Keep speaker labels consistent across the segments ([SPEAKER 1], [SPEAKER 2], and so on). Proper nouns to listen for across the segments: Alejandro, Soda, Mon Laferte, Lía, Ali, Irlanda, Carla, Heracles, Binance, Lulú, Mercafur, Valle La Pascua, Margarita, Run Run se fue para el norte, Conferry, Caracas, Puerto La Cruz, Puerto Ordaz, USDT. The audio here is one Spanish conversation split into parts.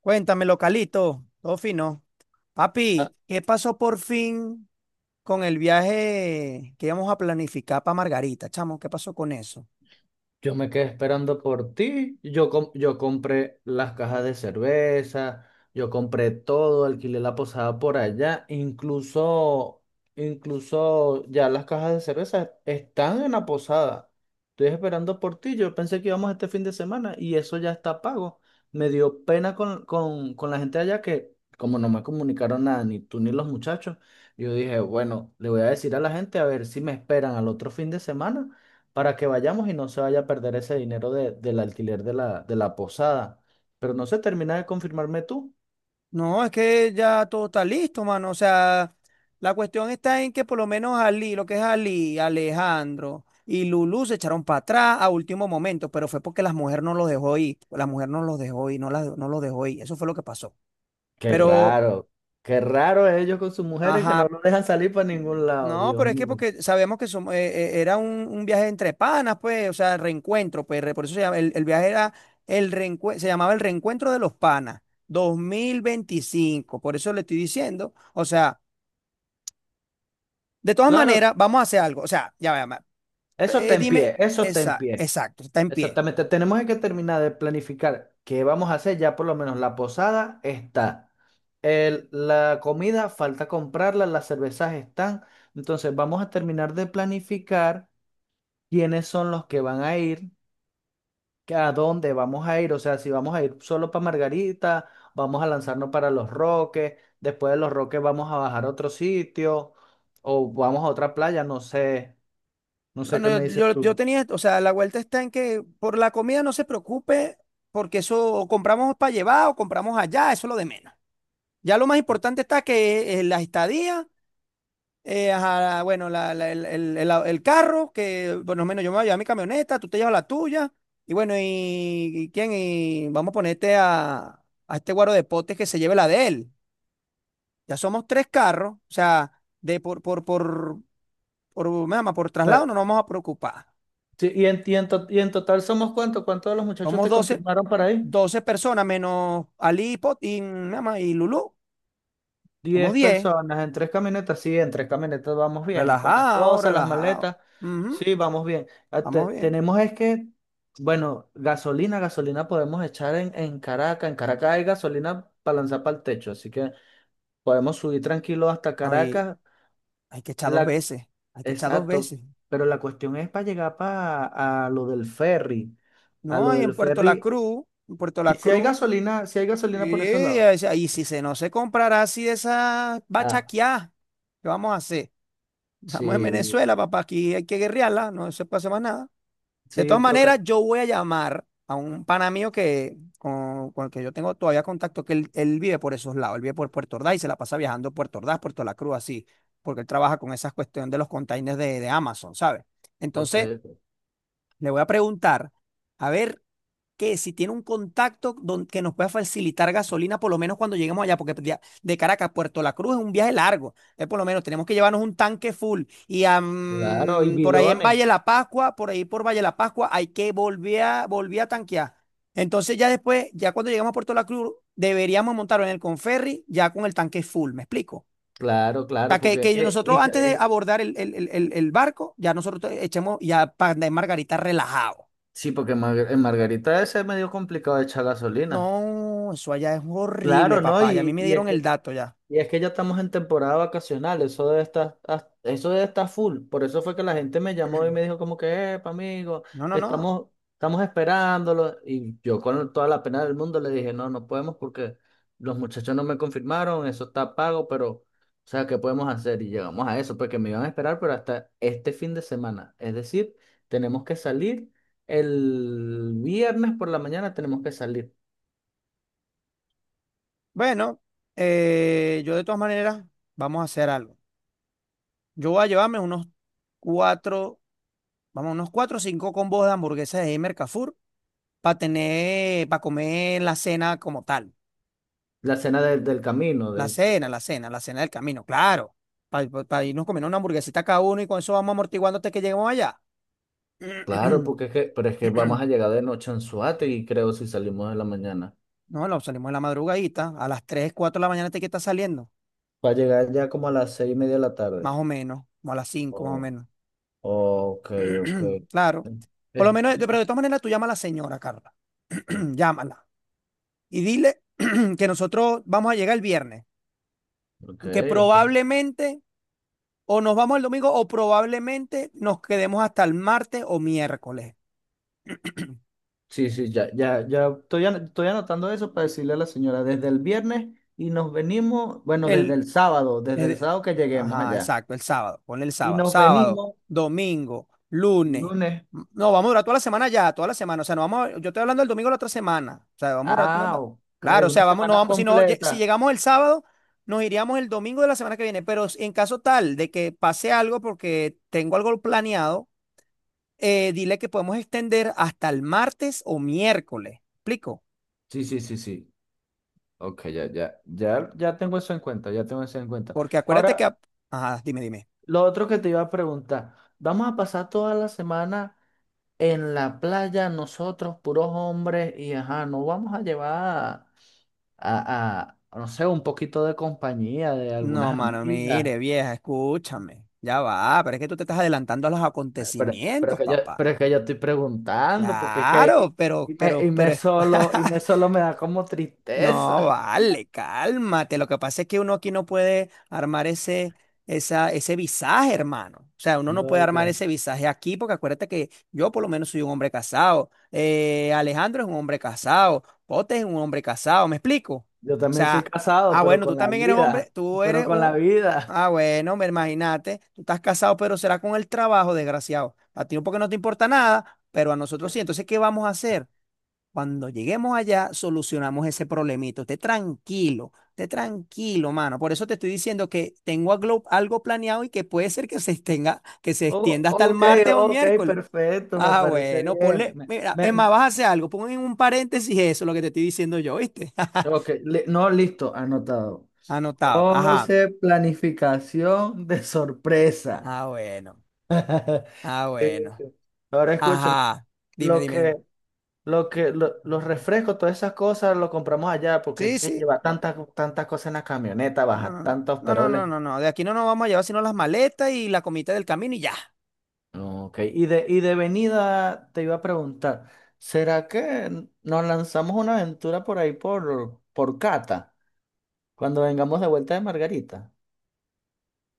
[SPEAKER 1] Cuéntame, localito, todo fino.
[SPEAKER 2] Ah,
[SPEAKER 1] Papi, ¿qué pasó por fin con el viaje que íbamos a planificar para Margarita, chamo? ¿Qué pasó con eso?
[SPEAKER 2] yo me quedé esperando por ti. Yo compré las cajas de cerveza, yo compré todo, alquilé la posada por allá. Incluso, ya las cajas de cerveza están en la posada. Estoy esperando por ti. Yo pensé que íbamos este fin de semana y eso ya está pago. Me dio pena con la gente allá que, como no me comunicaron nada, ni tú ni los muchachos, yo dije, bueno, le voy a decir a la gente a ver si me esperan al otro fin de semana para que vayamos y no se vaya a perder ese dinero del alquiler de la posada. Pero no se termina de confirmarme tú.
[SPEAKER 1] No, es que ya todo está listo, mano. O sea, la cuestión está en que por lo menos Ali, lo que es Ali, Alejandro y Lulú se echaron para atrás a último momento, pero fue porque las mujeres no los dejó ir. La mujer no los dejó ir, no, no los dejó ir. Eso fue lo que pasó.
[SPEAKER 2] Qué
[SPEAKER 1] Pero,
[SPEAKER 2] raro, qué raro ellos con sus mujeres que no
[SPEAKER 1] ajá,
[SPEAKER 2] lo dejan salir para ningún lado,
[SPEAKER 1] no,
[SPEAKER 2] Dios
[SPEAKER 1] pero es que
[SPEAKER 2] mío.
[SPEAKER 1] porque sabemos que somos, era un viaje entre panas, pues, o sea, reencuentro, pues, por eso se llama, el viaje era se llamaba el reencuentro de los panas, 2025, por eso le estoy diciendo, o sea, de todas
[SPEAKER 2] Claro,
[SPEAKER 1] maneras, vamos a hacer algo, o sea, ya va,
[SPEAKER 2] eso está en
[SPEAKER 1] dime,
[SPEAKER 2] pie, eso está en
[SPEAKER 1] esa,
[SPEAKER 2] pie.
[SPEAKER 1] exacto, está en pie.
[SPEAKER 2] Exactamente, tenemos que terminar de planificar qué vamos a hacer, ya por lo menos la posada está. La comida falta comprarla, las cervezas están. Entonces vamos a terminar de planificar quiénes son los que van a ir que a dónde vamos a ir, o sea, si vamos a ir solo para Margarita, vamos a lanzarnos para Los Roques, después de Los Roques vamos a bajar a otro sitio o vamos a otra playa, no sé, no
[SPEAKER 1] No,
[SPEAKER 2] sé qué
[SPEAKER 1] no,
[SPEAKER 2] me dices
[SPEAKER 1] yo
[SPEAKER 2] tú.
[SPEAKER 1] tenía, o sea, la vuelta está en que por la comida no se preocupe, porque eso o compramos para llevar o compramos allá, eso es lo de menos. Ya lo más importante está que la estadía. Ajá, bueno, el- el- carro, que bueno, menos yo me voy a llevar mi camioneta, tú te llevas la tuya, y bueno, y quién, y vamos a ponerte a este guaro de potes que se lleve la de él. Ya somos tres carros, o sea, de me llama, por
[SPEAKER 2] Eh,
[SPEAKER 1] traslado no nos vamos a preocupar.
[SPEAKER 2] sí, y en total somos cuántos, ¿cuántos de los muchachos
[SPEAKER 1] Somos
[SPEAKER 2] te
[SPEAKER 1] 12.
[SPEAKER 2] confirmaron para ir?
[SPEAKER 1] 12 personas menos Ali, Pot y, me llama, y Lulú. Somos
[SPEAKER 2] Diez
[SPEAKER 1] 10.
[SPEAKER 2] personas en tres camionetas, sí, en tres camionetas vamos bien, con las
[SPEAKER 1] Relajado,
[SPEAKER 2] cosas, las
[SPEAKER 1] relajado.
[SPEAKER 2] maletas,
[SPEAKER 1] Ujú.
[SPEAKER 2] sí, vamos bien. Ah,
[SPEAKER 1] Vamos bien.
[SPEAKER 2] tenemos es que, bueno, gasolina podemos echar en Caracas, en Caracas hay gasolina para lanzar para el techo, así que podemos subir tranquilo hasta
[SPEAKER 1] No, y
[SPEAKER 2] Caracas.
[SPEAKER 1] hay que echar dos
[SPEAKER 2] La,
[SPEAKER 1] veces. Hay que echar dos
[SPEAKER 2] exacto,
[SPEAKER 1] veces.
[SPEAKER 2] pero la cuestión es para llegar para a lo del ferry, a
[SPEAKER 1] No,
[SPEAKER 2] lo
[SPEAKER 1] ahí
[SPEAKER 2] del
[SPEAKER 1] en Puerto La
[SPEAKER 2] ferry.
[SPEAKER 1] Cruz, en Puerto
[SPEAKER 2] Y
[SPEAKER 1] La
[SPEAKER 2] si hay
[SPEAKER 1] Cruz,
[SPEAKER 2] gasolina, si hay gasolina
[SPEAKER 1] sí,
[SPEAKER 2] por esos lados.
[SPEAKER 1] ahí sí, ahí sí se, no se comprará así de esa
[SPEAKER 2] Ah,
[SPEAKER 1] bachaquiá, ¿qué vamos a hacer? Estamos en
[SPEAKER 2] sí,
[SPEAKER 1] Venezuela, papá, aquí hay que guerrearla, no se puede hacer más nada. De todas
[SPEAKER 2] sí, toca,
[SPEAKER 1] maneras, yo voy a llamar a un pana mío que, con el que yo tengo todavía contacto, que él vive por esos lados, él vive por Puerto Ordaz y se la pasa viajando Puerto Ordaz, Puerto La Cruz, así, porque él trabaja con esas cuestión de los containers de Amazon, ¿sabes?
[SPEAKER 2] ok,
[SPEAKER 1] Entonces, le voy a preguntar, a ver que si tiene un contacto que nos pueda facilitar gasolina, por lo menos cuando lleguemos allá, porque de Caracas a Puerto La Cruz es un viaje largo. Entonces, por lo menos tenemos que llevarnos un tanque full. Y
[SPEAKER 2] claro, y
[SPEAKER 1] por ahí en
[SPEAKER 2] bidones.
[SPEAKER 1] Valle La Pascua, por ahí por Valle La Pascua, hay que volver a tanquear. Entonces, ya después, ya cuando llegamos a Puerto La Cruz, deberíamos montarlo en el Conferry ya con el tanque full. ¿Me explico?
[SPEAKER 2] Claro,
[SPEAKER 1] O
[SPEAKER 2] claro,
[SPEAKER 1] sea, que,
[SPEAKER 2] porque
[SPEAKER 1] que nosotros antes de abordar el barco, ya nosotros echemos ya para andar en Margarita relajado.
[SPEAKER 2] sí, porque en Margarita es medio complicado echar gasolina.
[SPEAKER 1] No, eso allá es horrible,
[SPEAKER 2] Claro, ¿no?
[SPEAKER 1] papá. Y a mí
[SPEAKER 2] Y,
[SPEAKER 1] me
[SPEAKER 2] y es
[SPEAKER 1] dieron el
[SPEAKER 2] que
[SPEAKER 1] dato ya.
[SPEAKER 2] Y es que ya estamos en temporada vacacional, eso debe estar full. Por eso fue que la gente me llamó y me dijo como que, epa, amigo,
[SPEAKER 1] No, no, no.
[SPEAKER 2] estamos, estamos esperándolo. Y yo con toda la pena del mundo le dije, no, no podemos porque los muchachos no me confirmaron, eso está pago, pero, o sea, ¿qué podemos hacer? Y llegamos a eso, porque me iban a esperar, pero hasta este fin de semana. Es decir, tenemos que salir el viernes por la mañana, tenemos que salir.
[SPEAKER 1] Bueno, yo de todas maneras, vamos a hacer algo. Yo voy a llevarme unos cuatro, vamos, unos cuatro o cinco combos de hamburguesas de Mercafur para tener, para comer la cena como tal.
[SPEAKER 2] La cena del camino,
[SPEAKER 1] La
[SPEAKER 2] del
[SPEAKER 1] cena, la cena, la cena del camino, claro. Para irnos comiendo una hamburguesita cada uno y con eso vamos amortiguando hasta que lleguemos allá.
[SPEAKER 2] Claro, pero es que vamos a llegar de noche en Anzoátegui, creo, si salimos de la mañana.
[SPEAKER 1] No, no, salimos en la madrugadita. A las 3, 4 de la mañana te que está saliendo.
[SPEAKER 2] Va a llegar ya como a las 6:30 de la tarde.
[SPEAKER 1] Más o menos, como a las cinco más o
[SPEAKER 2] Oh,
[SPEAKER 1] menos.
[SPEAKER 2] ok, ok.
[SPEAKER 1] Claro. Por lo
[SPEAKER 2] Eh,
[SPEAKER 1] menos, pero de todas maneras tú llama a la señora, Carla. Llámala. Y dile que nosotros vamos a llegar el viernes.
[SPEAKER 2] ok,
[SPEAKER 1] Que
[SPEAKER 2] ok.
[SPEAKER 1] probablemente o nos vamos el domingo o probablemente nos quedemos hasta el martes o miércoles.
[SPEAKER 2] Sí, sí, ya, ya, ya estoy anotando eso para decirle a la señora desde el viernes y nos venimos, bueno,
[SPEAKER 1] El,
[SPEAKER 2] desde
[SPEAKER 1] Es
[SPEAKER 2] el
[SPEAKER 1] de-
[SPEAKER 2] sábado que lleguemos
[SPEAKER 1] Ajá,
[SPEAKER 2] allá.
[SPEAKER 1] exacto, el sábado, ponle el
[SPEAKER 2] Y
[SPEAKER 1] sábado,
[SPEAKER 2] nos
[SPEAKER 1] sábado,
[SPEAKER 2] venimos
[SPEAKER 1] domingo, lunes.
[SPEAKER 2] lunes.
[SPEAKER 1] No, vamos a durar toda la semana ya, toda la semana. O sea, no vamos, yo estoy hablando del domingo de la otra semana. O sea, vamos a durar, no,
[SPEAKER 2] Ah,
[SPEAKER 1] no.
[SPEAKER 2] ok,
[SPEAKER 1] Claro, o
[SPEAKER 2] una
[SPEAKER 1] sea, vamos, no
[SPEAKER 2] semana
[SPEAKER 1] vamos, si no, si
[SPEAKER 2] completa.
[SPEAKER 1] llegamos el sábado, nos iríamos el domingo de la semana que viene. Pero en caso tal de que pase algo porque tengo algo planeado, dile que podemos extender hasta el martes o miércoles. ¿Explico?
[SPEAKER 2] Sí, sí, sí, sí. Ok, ya, ya, ya, ya tengo eso en cuenta, ya tengo eso en cuenta.
[SPEAKER 1] Porque acuérdate que,
[SPEAKER 2] Ahora,
[SPEAKER 1] ajá, dime, dime.
[SPEAKER 2] lo otro que te iba a preguntar, vamos a pasar toda la semana en la playa nosotros, puros hombres, y ajá, no vamos a llevar a- a, no sé, un poquito de compañía de
[SPEAKER 1] No,
[SPEAKER 2] algunas
[SPEAKER 1] mano,
[SPEAKER 2] amigas,
[SPEAKER 1] mire, vieja, escúchame. Ya va, pero es que tú te estás adelantando a los
[SPEAKER 2] pero, pero
[SPEAKER 1] acontecimientos,
[SPEAKER 2] que yo,
[SPEAKER 1] papá.
[SPEAKER 2] pero es que yo estoy preguntando, porque es que
[SPEAKER 1] Claro, pero, pero, pero,
[SPEAKER 2] y me solo me da como
[SPEAKER 1] No,
[SPEAKER 2] tristeza.
[SPEAKER 1] vale, cálmate. Lo que pasa es que uno aquí no puede armar ese, esa, ese visaje, hermano. O sea, uno no puede
[SPEAKER 2] No, ok.
[SPEAKER 1] armar ese visaje aquí porque acuérdate que yo por lo menos soy un hombre casado. Alejandro es un hombre casado. Pote es un hombre casado, ¿me explico? O
[SPEAKER 2] Yo también soy
[SPEAKER 1] sea,
[SPEAKER 2] casado,
[SPEAKER 1] ah,
[SPEAKER 2] pero
[SPEAKER 1] bueno, tú
[SPEAKER 2] con la
[SPEAKER 1] también eres hombre,
[SPEAKER 2] vida,
[SPEAKER 1] tú
[SPEAKER 2] pero
[SPEAKER 1] eres
[SPEAKER 2] con la
[SPEAKER 1] un...
[SPEAKER 2] vida.
[SPEAKER 1] Ah, bueno, me imagínate, tú estás casado, pero será con el trabajo, desgraciado. A ti no, porque no te importa nada, pero a nosotros sí. Entonces, ¿qué vamos a hacer? Cuando lleguemos allá, solucionamos ese problemito. Esté tranquilo, mano. Por eso te estoy diciendo que tengo algo, planeado y que puede ser que se extenga, que se
[SPEAKER 2] Oh,
[SPEAKER 1] extienda hasta el
[SPEAKER 2] ok,
[SPEAKER 1] martes o el
[SPEAKER 2] ok,
[SPEAKER 1] miércoles.
[SPEAKER 2] perfecto, me
[SPEAKER 1] Ah,
[SPEAKER 2] parece
[SPEAKER 1] bueno,
[SPEAKER 2] bien.
[SPEAKER 1] ponle,
[SPEAKER 2] Me-
[SPEAKER 1] mira, es
[SPEAKER 2] me-
[SPEAKER 1] más, vas a hacer algo, pon en un paréntesis eso, lo que te estoy diciendo yo, ¿viste?
[SPEAKER 2] ok, no, listo, anotado.
[SPEAKER 1] Anotado. Ajá.
[SPEAKER 2] José, planificación de sorpresa.
[SPEAKER 1] Ah, bueno. Ah,
[SPEAKER 2] Qué bien, qué
[SPEAKER 1] bueno.
[SPEAKER 2] bien. Ahora escúchame,
[SPEAKER 1] Ajá. Dime,
[SPEAKER 2] lo
[SPEAKER 1] dime, dime.
[SPEAKER 2] que, los refrescos, todas esas cosas, lo compramos allá porque es
[SPEAKER 1] Sí,
[SPEAKER 2] que
[SPEAKER 1] sí.
[SPEAKER 2] lleva
[SPEAKER 1] No,
[SPEAKER 2] tantas, tantas cosas en la camioneta,
[SPEAKER 1] no,
[SPEAKER 2] baja
[SPEAKER 1] no,
[SPEAKER 2] tantos
[SPEAKER 1] no, no, no,
[SPEAKER 2] peroles.
[SPEAKER 1] no, no. No, de aquí no nos vamos a llevar sino las maletas y la comida del camino y ya.
[SPEAKER 2] Ok, y de venida te iba a preguntar, ¿será que nos lanzamos una aventura por ahí por Cata? Cuando vengamos de vuelta de Margarita.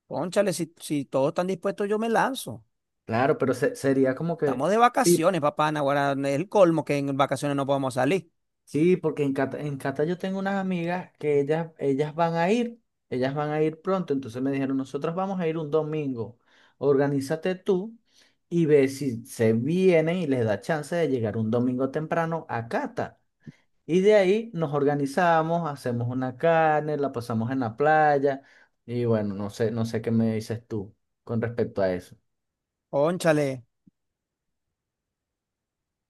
[SPEAKER 1] Cónchale, si todos están dispuestos, yo me lanzo.
[SPEAKER 2] Claro, pero sería como que,
[SPEAKER 1] Estamos de
[SPEAKER 2] sí,
[SPEAKER 1] vacaciones, papá Naguará. Es el colmo que en vacaciones no podemos salir.
[SPEAKER 2] sí, porque en Cata yo tengo unas amigas que ellas van a ir pronto, entonces me dijeron, nosotros vamos a ir un domingo, organízate tú y ve si se vienen y les da chance de llegar un domingo temprano a Cata. Y de ahí nos organizamos, hacemos una carne, la pasamos en la playa y bueno, no sé, no sé qué me dices tú con respecto a eso.
[SPEAKER 1] Cónchale,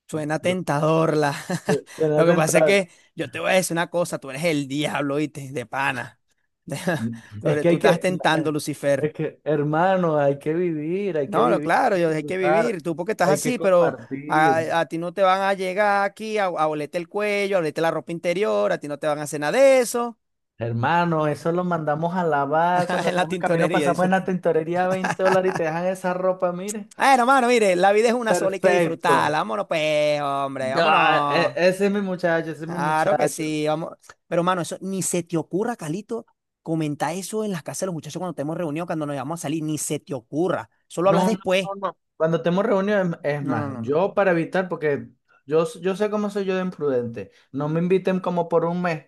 [SPEAKER 1] suena
[SPEAKER 2] Lo-
[SPEAKER 1] tentador la. Lo
[SPEAKER 2] Suena
[SPEAKER 1] que pasa es
[SPEAKER 2] tentador.
[SPEAKER 1] que yo te voy a decir una cosa, tú eres el diablo, ¿viste? De pana.
[SPEAKER 2] Es que
[SPEAKER 1] Tú
[SPEAKER 2] hay
[SPEAKER 1] estás
[SPEAKER 2] que,
[SPEAKER 1] tentando, Lucifer.
[SPEAKER 2] es que, hermano, hay que vivir, hay que
[SPEAKER 1] No,
[SPEAKER 2] vivir, hay
[SPEAKER 1] claro,
[SPEAKER 2] que
[SPEAKER 1] yo hay que
[SPEAKER 2] disfrutar,
[SPEAKER 1] vivir. Tú porque estás
[SPEAKER 2] hay que
[SPEAKER 1] así, pero a,
[SPEAKER 2] compartir.
[SPEAKER 1] a ti no te van a llegar aquí a olerte el cuello, a olerte la ropa interior, a ti no te van a hacer nada de eso.
[SPEAKER 2] Hermano, eso lo mandamos a lavar. Cuando
[SPEAKER 1] En la
[SPEAKER 2] vengamos camino
[SPEAKER 1] tintorería,
[SPEAKER 2] pasamos en
[SPEAKER 1] dices
[SPEAKER 2] la
[SPEAKER 1] tú.
[SPEAKER 2] tintorería $20 y te dejan esa ropa, mire.
[SPEAKER 1] Bueno, hermano, mire, la vida es una sola y hay que
[SPEAKER 2] Perfecto.
[SPEAKER 1] disfrutarla. Vámonos, pues, hombre,
[SPEAKER 2] Ah,
[SPEAKER 1] vámonos.
[SPEAKER 2] ese es mi muchacho, ese es mi
[SPEAKER 1] Claro que
[SPEAKER 2] muchacho.
[SPEAKER 1] sí, vamos. Pero, mano, eso ni se te ocurra, Calito, comentar eso en las casas de los muchachos cuando estemos reunidos, cuando nos vamos a salir, ni se te ocurra. Solo hablas
[SPEAKER 2] No, no,
[SPEAKER 1] después.
[SPEAKER 2] no, no. Cuando estemos reunidos, es
[SPEAKER 1] No, no,
[SPEAKER 2] más,
[SPEAKER 1] no, no.
[SPEAKER 2] yo para evitar, porque yo sé cómo soy yo de imprudente, no me inviten como por un mes.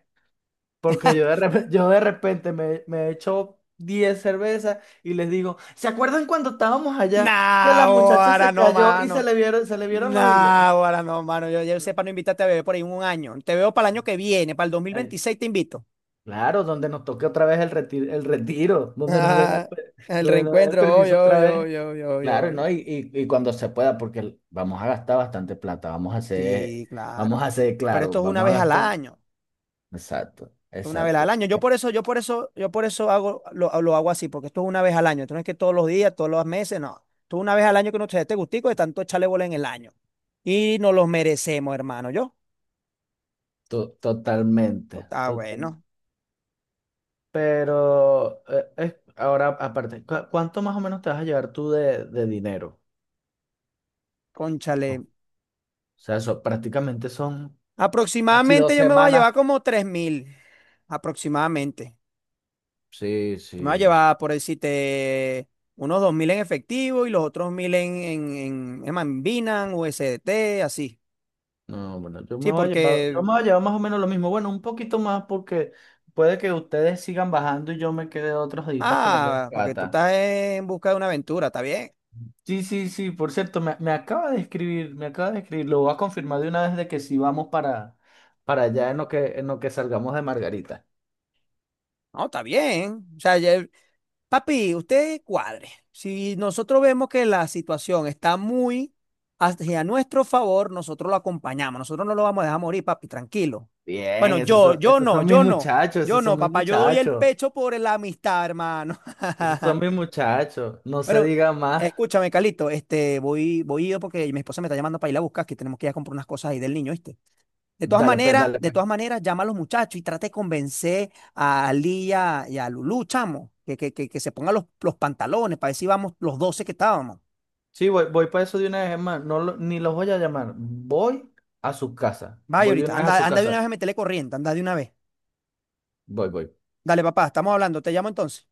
[SPEAKER 2] Porque yo de repente me echo 10 cervezas y les digo, ¿se acuerdan cuando estábamos allá que a
[SPEAKER 1] Nah,
[SPEAKER 2] la muchacha
[SPEAKER 1] ahora
[SPEAKER 2] se
[SPEAKER 1] no,
[SPEAKER 2] cayó y
[SPEAKER 1] mano.
[SPEAKER 2] se le vieron los hilos?
[SPEAKER 1] Nah, ahora no, mano. Yo sé para no invitarte a beber por ahí un año. Te veo para el año que viene, para el dos mil
[SPEAKER 2] Ay,
[SPEAKER 1] veintiséis te invito.
[SPEAKER 2] claro, donde nos toque otra vez el retiro, donde nos den el,
[SPEAKER 1] Ah,
[SPEAKER 2] per-
[SPEAKER 1] el
[SPEAKER 2] donde nos den el
[SPEAKER 1] reencuentro,
[SPEAKER 2] permiso
[SPEAKER 1] yo,
[SPEAKER 2] otra
[SPEAKER 1] yo,
[SPEAKER 2] vez.
[SPEAKER 1] yo, yo,
[SPEAKER 2] Claro,
[SPEAKER 1] yo.
[SPEAKER 2] ¿no? Y cuando se pueda, porque vamos a gastar bastante plata,
[SPEAKER 1] Sí,
[SPEAKER 2] vamos a
[SPEAKER 1] claro.
[SPEAKER 2] hacer
[SPEAKER 1] Pero
[SPEAKER 2] claro,
[SPEAKER 1] esto es una
[SPEAKER 2] vamos a
[SPEAKER 1] vez al
[SPEAKER 2] gastar.
[SPEAKER 1] año.
[SPEAKER 2] Exacto,
[SPEAKER 1] Esto es una vez al
[SPEAKER 2] exacto.
[SPEAKER 1] año. Yo por eso, yo por eso, yo por eso hago, lo hago así, porque esto es una vez al año. Esto no es que todos los días, todos los meses, no. Esto es una vez al año que nos te dé este gustico de tanto echarle bola en el año. Y nos los merecemos, hermano. Yo.
[SPEAKER 2] Totalmente.
[SPEAKER 1] Esto está bueno.
[SPEAKER 2] Pero ahora, aparte, ¿cuánto más o menos te vas a llevar tú de dinero?
[SPEAKER 1] Cónchale.
[SPEAKER 2] O sea, eso prácticamente son casi
[SPEAKER 1] Aproximadamente
[SPEAKER 2] 2
[SPEAKER 1] yo me voy a
[SPEAKER 2] semanas.
[SPEAKER 1] llevar como 3.000. Aproximadamente.
[SPEAKER 2] Sí,
[SPEAKER 1] Me voy a
[SPEAKER 2] sí.
[SPEAKER 1] llevar, por decirte, unos 2.000 en efectivo y los otros 1.000 en Binance, USDT, así.
[SPEAKER 2] No, bueno, yo me
[SPEAKER 1] Sí,
[SPEAKER 2] voy a llevar, yo
[SPEAKER 1] porque,
[SPEAKER 2] me voy a llevar más o menos lo mismo. Bueno, un poquito más porque puede que ustedes sigan bajando y yo me quede otros días por allá en
[SPEAKER 1] ah, porque tú
[SPEAKER 2] Cata.
[SPEAKER 1] estás en busca de una aventura, está bien.
[SPEAKER 2] Sí, sí, sí, por cierto, me acaba de escribir, lo voy a confirmar de una vez de que sí vamos para allá en lo que salgamos de Margarita.
[SPEAKER 1] No, está bien. O sea, papi, usted cuadre. Si nosotros vemos que la situación está muy hacia nuestro favor, nosotros lo acompañamos. Nosotros no lo vamos a dejar morir, papi, tranquilo. Bueno,
[SPEAKER 2] Bien, esos
[SPEAKER 1] yo,
[SPEAKER 2] son,
[SPEAKER 1] yo
[SPEAKER 2] esos
[SPEAKER 1] no,
[SPEAKER 2] son mis
[SPEAKER 1] yo no,
[SPEAKER 2] muchachos,
[SPEAKER 1] yo
[SPEAKER 2] esos son
[SPEAKER 1] no,
[SPEAKER 2] mis
[SPEAKER 1] papá, yo doy el
[SPEAKER 2] muchachos,
[SPEAKER 1] pecho por la amistad, hermano.
[SPEAKER 2] esos son mis muchachos, no se
[SPEAKER 1] Bueno,
[SPEAKER 2] diga más.
[SPEAKER 1] escúchame, Calito, este, voy yo porque mi esposa me está llamando para ir a buscar, que tenemos que ir a comprar unas cosas ahí del niño, ¿viste?
[SPEAKER 2] Dale, pues, dale,
[SPEAKER 1] De
[SPEAKER 2] pues.
[SPEAKER 1] todas maneras, llama a los muchachos y trata de convencer a Lía y a Lulú, chamo, que se pongan los pantalones para ver si vamos los 12 que estábamos.
[SPEAKER 2] Sí, voy para eso de una vez, hermano, ni los voy a llamar, voy a su casa,
[SPEAKER 1] Vaya
[SPEAKER 2] voy de
[SPEAKER 1] ahorita,
[SPEAKER 2] una vez a
[SPEAKER 1] anda,
[SPEAKER 2] su
[SPEAKER 1] anda de una
[SPEAKER 2] casa,
[SPEAKER 1] vez a meterle corriente, anda de una vez.
[SPEAKER 2] voy.
[SPEAKER 1] Dale, papá, estamos hablando, te llamo entonces.